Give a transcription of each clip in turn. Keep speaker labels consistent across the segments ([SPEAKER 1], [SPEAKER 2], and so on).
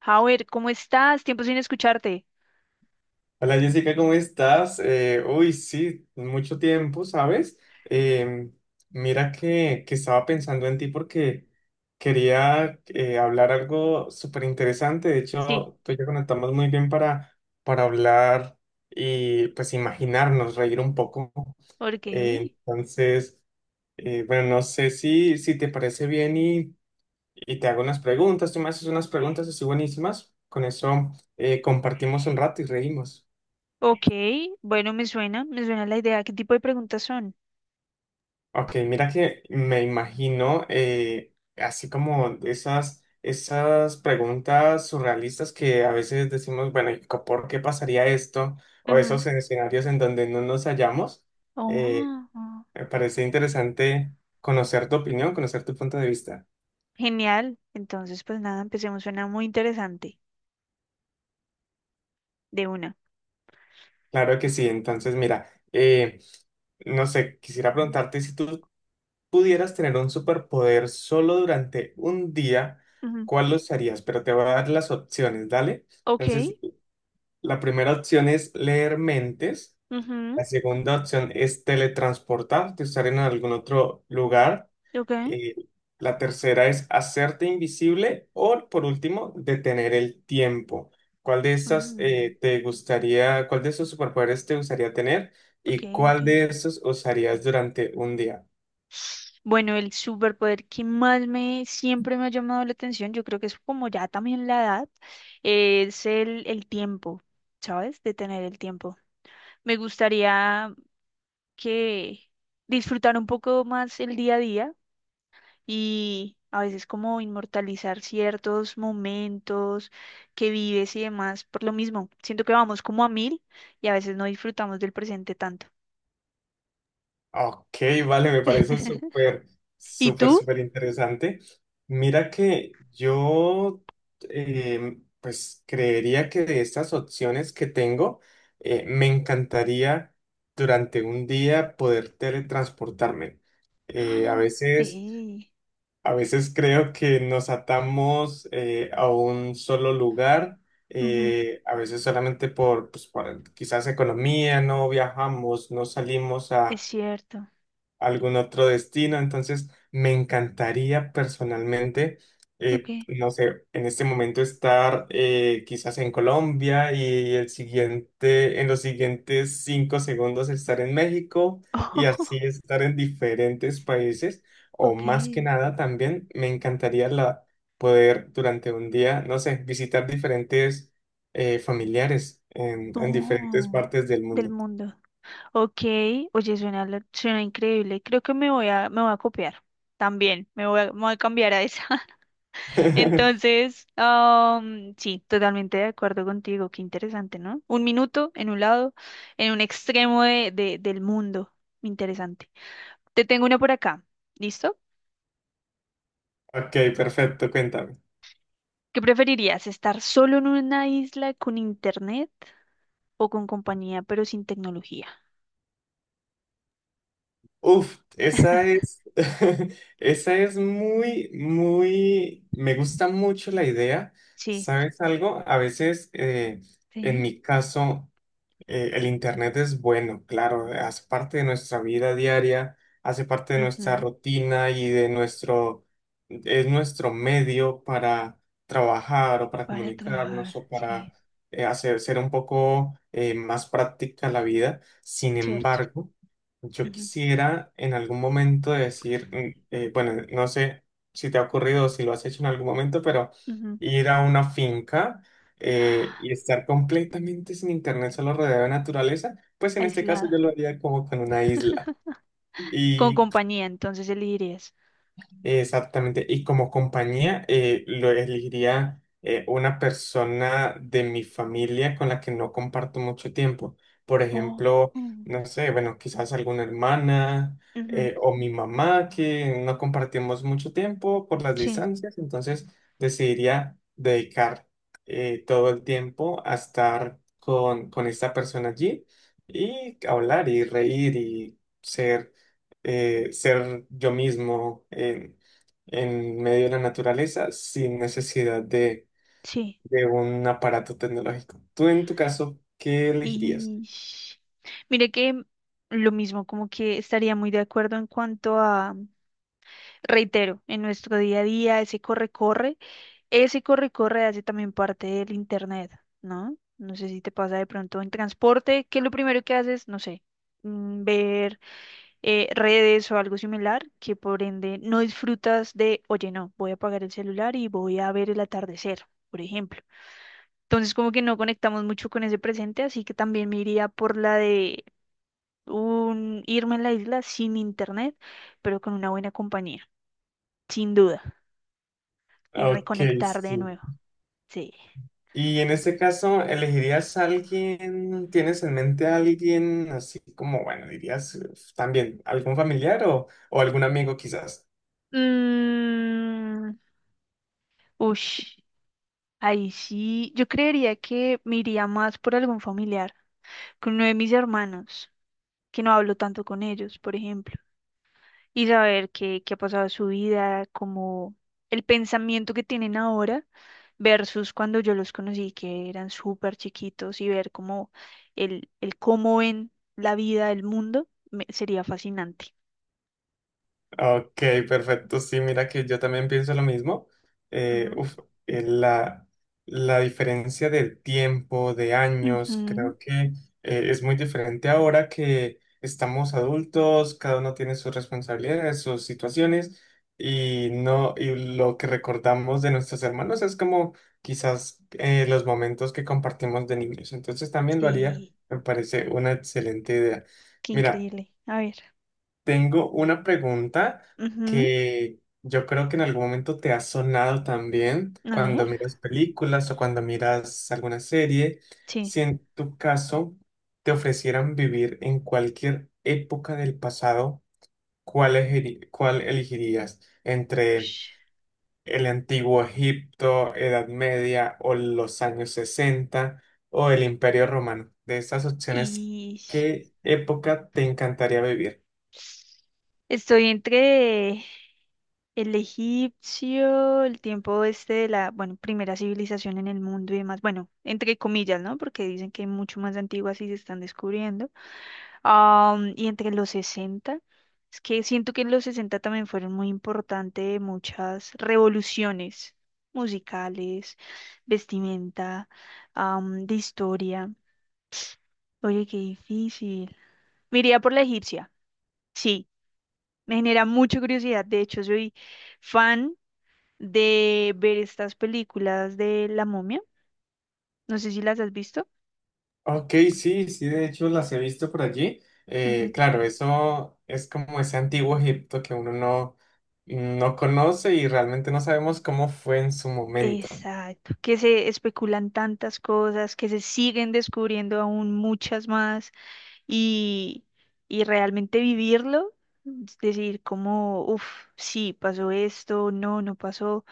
[SPEAKER 1] Howard, ¿cómo estás? Tiempo sin escucharte.
[SPEAKER 2] Hola Jessica, ¿cómo estás? Uy, sí, mucho tiempo, ¿sabes? Em, mira que estaba pensando en ti porque quería hablar algo súper interesante. De
[SPEAKER 1] Sí,
[SPEAKER 2] hecho, tú y yo conectamos muy bien para hablar y pues imaginarnos, reír un poco.
[SPEAKER 1] ok.
[SPEAKER 2] Eh, entonces, bueno, no sé si te parece bien y te hago unas preguntas. Tú me haces unas preguntas así buenísimas. Con eso compartimos un rato y reímos.
[SPEAKER 1] Ok, bueno, me suena la idea. ¿Qué tipo de preguntas son?
[SPEAKER 2] Ok, mira que me imagino así como esas preguntas surrealistas que a veces decimos, bueno, ¿y por qué pasaría esto? O
[SPEAKER 1] Ujú.
[SPEAKER 2] esos escenarios en donde no nos hallamos. Eh,
[SPEAKER 1] Oh, oh,
[SPEAKER 2] me parece interesante conocer tu opinión, conocer tu punto de vista.
[SPEAKER 1] genial. Entonces, pues nada, empecemos. Suena muy interesante. De una.
[SPEAKER 2] Claro que sí, entonces mira, no sé, quisiera preguntarte si tú pudieras tener un superpoder solo durante un día,
[SPEAKER 1] Ujú.
[SPEAKER 2] ¿cuál lo usarías? Pero te voy a dar las opciones, ¿dale?
[SPEAKER 1] Ok,
[SPEAKER 2] Entonces, la primera opción es leer mentes, la
[SPEAKER 1] ujú,
[SPEAKER 2] segunda opción es teletransportarte, estar en algún otro lugar,
[SPEAKER 1] ok.
[SPEAKER 2] eh, la tercera es hacerte invisible o por último detener el tiempo. ¿Cuál de estas
[SPEAKER 1] mm,
[SPEAKER 2] te gustaría, cuál de esos superpoderes te gustaría tener
[SPEAKER 1] ok,
[SPEAKER 2] y cuál
[SPEAKER 1] ok.
[SPEAKER 2] de esos usarías durante un día?
[SPEAKER 1] Bueno, el superpoder que más me siempre me ha llamado la atención, yo creo que es como ya también la edad, es el tiempo, ¿sabes? Detener el tiempo. Me gustaría que disfrutar un poco más el día a día y a veces como inmortalizar ciertos momentos que vives y demás por lo mismo. Siento que vamos como a mil y a veces no disfrutamos del presente tanto.
[SPEAKER 2] Ok, vale, me parece
[SPEAKER 1] ¿Y tú?
[SPEAKER 2] súper interesante. Mira que yo, pues creería que de estas opciones que tengo, me encantaría durante un día poder teletransportarme. Eh, a
[SPEAKER 1] Ah,
[SPEAKER 2] veces,
[SPEAKER 1] ey,
[SPEAKER 2] a veces creo que nos atamos a un solo lugar,
[SPEAKER 1] ujú,
[SPEAKER 2] a veces solamente por, pues, por quizás economía, no viajamos, no salimos
[SPEAKER 1] es cierto.
[SPEAKER 2] algún otro destino. Entonces, me encantaría personalmente,
[SPEAKER 1] Ok.
[SPEAKER 2] no sé, en este momento estar quizás en Colombia y el siguiente, en los siguientes cinco segundos estar en México y así estar en diferentes países. O
[SPEAKER 1] Ok.
[SPEAKER 2] más que nada, también me encantaría poder durante un día, no sé, visitar diferentes familiares en diferentes
[SPEAKER 1] Oh,
[SPEAKER 2] partes del
[SPEAKER 1] del
[SPEAKER 2] mundo.
[SPEAKER 1] mundo. Ok, oye, suena, suena increíble. Creo que me voy a copiar también. Me voy a cambiar a esa. Entonces, sí, totalmente de acuerdo contigo. Qué interesante, ¿no? Un minuto en un lado, en un extremo del mundo. Interesante. Te tengo una por acá. ¿Listo?
[SPEAKER 2] Ok, perfecto, cuéntame.
[SPEAKER 1] ¿Qué preferirías? ¿Estar solo en una isla con internet o con compañía, pero sin tecnología?
[SPEAKER 2] Uf, esa es, esa es muy, me gusta mucho la idea.
[SPEAKER 1] Sí.
[SPEAKER 2] ¿Sabes algo? A veces, en
[SPEAKER 1] Sí.
[SPEAKER 2] mi caso, el Internet es bueno, claro, hace parte de nuestra vida diaria, hace parte de nuestra
[SPEAKER 1] Ujú.
[SPEAKER 2] rutina y de nuestro, es nuestro medio para trabajar o para
[SPEAKER 1] Para
[SPEAKER 2] comunicarnos
[SPEAKER 1] trabajar,
[SPEAKER 2] o para
[SPEAKER 1] sí.
[SPEAKER 2] hacer ser un poco más práctica la vida. Sin
[SPEAKER 1] Cierto.
[SPEAKER 2] embargo, yo
[SPEAKER 1] Ujú,
[SPEAKER 2] quisiera en algún momento decir, bueno, no sé si te ha ocurrido o si lo has hecho en algún momento, pero
[SPEAKER 1] ujú.
[SPEAKER 2] ir a una finca y estar completamente sin internet solo rodeado de naturaleza, pues en este caso
[SPEAKER 1] Aislado.
[SPEAKER 2] yo lo haría como con una isla.
[SPEAKER 1] Con
[SPEAKER 2] Y
[SPEAKER 1] compañía, entonces elegirías.
[SPEAKER 2] Exactamente. Y como compañía, lo elegiría una persona de mi familia con la que no comparto mucho tiempo. Por
[SPEAKER 1] Oh.
[SPEAKER 2] ejemplo,
[SPEAKER 1] mm,
[SPEAKER 2] no sé, bueno, quizás alguna hermana
[SPEAKER 1] ujú,
[SPEAKER 2] o mi mamá que no compartimos mucho tiempo por las
[SPEAKER 1] sí,
[SPEAKER 2] distancias. Entonces, decidiría dedicar todo el tiempo a estar con esta persona allí y hablar y reír y ser ser yo mismo en medio de la naturaleza sin necesidad
[SPEAKER 1] sí.
[SPEAKER 2] de un aparato tecnológico. Tú en tu caso, ¿qué elegirías?
[SPEAKER 1] Y Mire que lo mismo, como que estaría muy de acuerdo en cuanto a, reitero, en nuestro día a día, ese corre-corre hace también parte del internet, ¿no? No sé si te pasa de pronto en transporte, que lo primero que haces, no sé, ver redes o algo similar, que por ende no disfrutas de, oye, no, voy a apagar el celular y voy a ver el atardecer, por ejemplo. Entonces, como que no conectamos mucho con ese presente, así que también me iría por la de un irme a la isla sin internet, pero con una buena compañía, sin duda, y
[SPEAKER 2] Ok,
[SPEAKER 1] reconectar de
[SPEAKER 2] sí.
[SPEAKER 1] nuevo. Sí.
[SPEAKER 2] Y en este caso, ¿elegirías a alguien? ¿Tienes en mente a alguien así como, bueno, dirías también algún familiar o algún amigo quizás?
[SPEAKER 1] Mm, ush, ahí sí, yo creería que me iría más por algún familiar, con uno de mis hermanos, que no hablo tanto con ellos, por ejemplo, y saber qué ha pasado en su vida, como el pensamiento que tienen ahora versus cuando yo los conocí, que eran súper chiquitos, y ver cómo el cómo ven la vida, el mundo, sería fascinante.
[SPEAKER 2] Ok, perfecto. Sí, mira que yo también pienso lo mismo. Eh,
[SPEAKER 1] Ujú.
[SPEAKER 2] uf, eh, la, la diferencia de tiempo, de años,
[SPEAKER 1] Ujú.
[SPEAKER 2] creo que es muy diferente ahora que estamos adultos, cada uno tiene sus responsabilidades, sus situaciones, y no, y lo que recordamos de nuestros hermanos es como quizás los momentos que compartimos de niños. Entonces también lo haría,
[SPEAKER 1] Sí,
[SPEAKER 2] me parece una excelente idea.
[SPEAKER 1] qué
[SPEAKER 2] Mira.
[SPEAKER 1] increíble. A ver.
[SPEAKER 2] Tengo una pregunta
[SPEAKER 1] Ujú.
[SPEAKER 2] que yo creo que en algún momento te ha sonado también
[SPEAKER 1] A ver.
[SPEAKER 2] cuando miras películas o cuando miras alguna serie.
[SPEAKER 1] Sí.
[SPEAKER 2] Si en tu caso te ofrecieran vivir en cualquier época del pasado, ¿cuál cuál elegirías? ¿Entre
[SPEAKER 1] Ush.
[SPEAKER 2] el antiguo Egipto, Edad Media o los años 60 o el Imperio Romano? De esas opciones,
[SPEAKER 1] Y
[SPEAKER 2] ¿qué época te encantaría vivir?
[SPEAKER 1] Estoy entre el egipcio, el tiempo este de la, bueno, primera civilización en el mundo y demás. Bueno, entre comillas, ¿no? Porque dicen que hay mucho más antiguas y se están descubriendo. Y entre los sesenta. Es que siento que en los 60 también fueron muy importantes muchas revoluciones musicales, vestimenta, de historia. Oye, qué difícil. Me iría por la egipcia. Sí. Me genera mucha curiosidad. De hecho, soy fan de ver estas películas de La Momia. No sé si las has visto.
[SPEAKER 2] Ok, sí, sí, de hecho las he visto por allí.
[SPEAKER 1] Ujú.
[SPEAKER 2] Claro, eso es como ese antiguo Egipto que uno no, no conoce y realmente no sabemos cómo fue en su momento.
[SPEAKER 1] Exacto. Que se especulan tantas cosas, que se siguen descubriendo aún muchas más y, y realmente vivirlo. Es decir como, uff, sí, pasó esto, no, no pasó.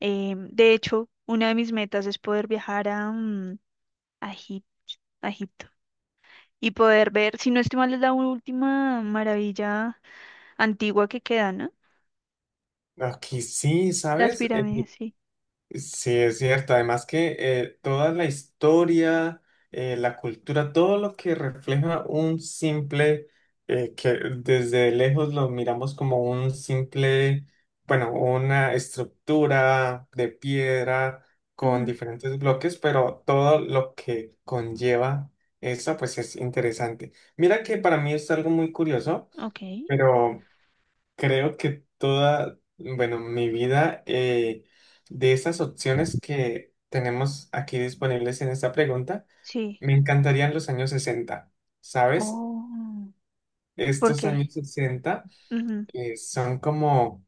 [SPEAKER 1] De hecho, una de mis metas es poder viajar a, a Egip- a Egipto, y poder ver, si no estoy mal, es la última maravilla antigua que queda, ¿no?
[SPEAKER 2] Aquí sí,
[SPEAKER 1] Las
[SPEAKER 2] ¿sabes?
[SPEAKER 1] pirámides, sí.
[SPEAKER 2] Sí, es cierto. Además que toda la historia, la cultura, todo lo que refleja un simple, que desde lejos lo miramos como un simple, bueno, una estructura de piedra con
[SPEAKER 1] Ujú.
[SPEAKER 2] diferentes bloques, pero todo lo que conlleva eso, pues es interesante. Mira que para mí es algo muy curioso,
[SPEAKER 1] Ok,
[SPEAKER 2] pero creo que toda, bueno, mi vida, de esas opciones que tenemos aquí disponibles en esta pregunta,
[SPEAKER 1] sí.
[SPEAKER 2] me encantarían los años sesenta, ¿sabes?
[SPEAKER 1] Oh, ¿por
[SPEAKER 2] Estos
[SPEAKER 1] qué?
[SPEAKER 2] años 60
[SPEAKER 1] Ujú,
[SPEAKER 2] son como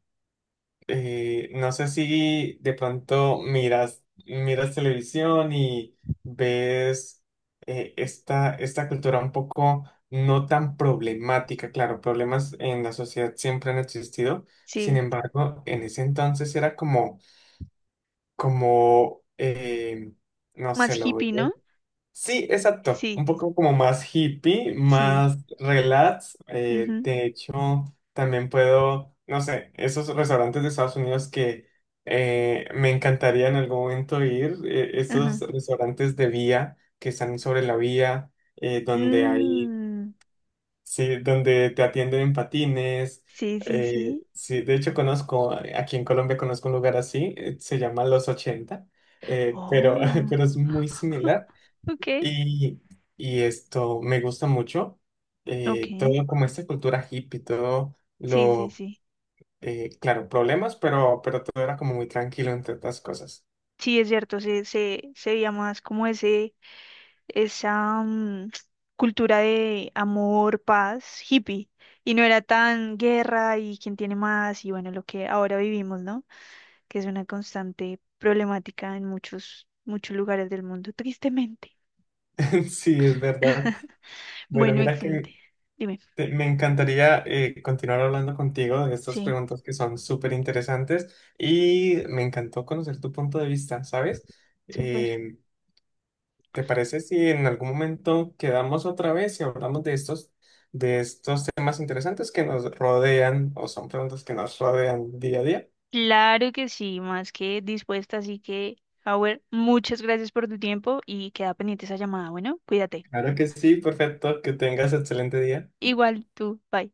[SPEAKER 2] no sé si de pronto miras televisión y ves esta cultura un poco no tan problemática. Claro, problemas en la sociedad siempre han existido. Sin
[SPEAKER 1] sí,
[SPEAKER 2] embargo, en ese entonces era como, como eh, no
[SPEAKER 1] más
[SPEAKER 2] sé, lo
[SPEAKER 1] hippie,
[SPEAKER 2] veo.
[SPEAKER 1] ¿no?
[SPEAKER 2] Sí, exacto. Un
[SPEAKER 1] Sí,
[SPEAKER 2] poco como más hippie,
[SPEAKER 1] sí,
[SPEAKER 2] más relax.
[SPEAKER 1] ujú,
[SPEAKER 2] De hecho, también puedo, no sé, esos restaurantes de Estados Unidos que me encantaría en algún momento ir, esos
[SPEAKER 1] ajá.
[SPEAKER 2] restaurantes de vía que están sobre la vía, donde hay,
[SPEAKER 1] Mm,
[SPEAKER 2] sí, donde te atienden en patines.
[SPEAKER 1] sí, sí,
[SPEAKER 2] Eh,
[SPEAKER 1] sí.
[SPEAKER 2] sí, de hecho conozco, aquí en Colombia conozco un lugar así, se llama Los Ochenta, pero
[SPEAKER 1] Oh,
[SPEAKER 2] pero es muy similar.
[SPEAKER 1] ok,
[SPEAKER 2] Y, y esto me gusta mucho,
[SPEAKER 1] ok.
[SPEAKER 2] todo como esta cultura hippie, todo
[SPEAKER 1] Sí, sí,
[SPEAKER 2] lo,
[SPEAKER 1] sí.
[SPEAKER 2] claro, problemas, pero todo era como muy tranquilo entre otras cosas.
[SPEAKER 1] Sí, es cierto, se veía más como ese, esa cultura de amor, paz, hippie, y no era tan guerra y quién tiene más, y bueno, lo que ahora vivimos, ¿no? Que es una constante problemática en muchos, muchos lugares del mundo, tristemente.
[SPEAKER 2] Sí, es verdad. Bueno,
[SPEAKER 1] Bueno,
[SPEAKER 2] mira
[SPEAKER 1] excelente.
[SPEAKER 2] que
[SPEAKER 1] Dime.
[SPEAKER 2] me encantaría continuar hablando contigo de estas
[SPEAKER 1] Sí,
[SPEAKER 2] preguntas que son súper interesantes y me encantó conocer tu punto de vista, ¿sabes?
[SPEAKER 1] súper.
[SPEAKER 2] Eh, ¿Te parece si en algún momento quedamos otra vez y hablamos de estos temas interesantes que nos rodean o son preguntas que nos rodean día a día?
[SPEAKER 1] Claro que sí, más que dispuesta, así que, Howard, muchas gracias por tu tiempo y queda pendiente esa llamada. Bueno, cuídate.
[SPEAKER 2] Claro que sí, perfecto, que tengas excelente día.
[SPEAKER 1] Igual tú, bye.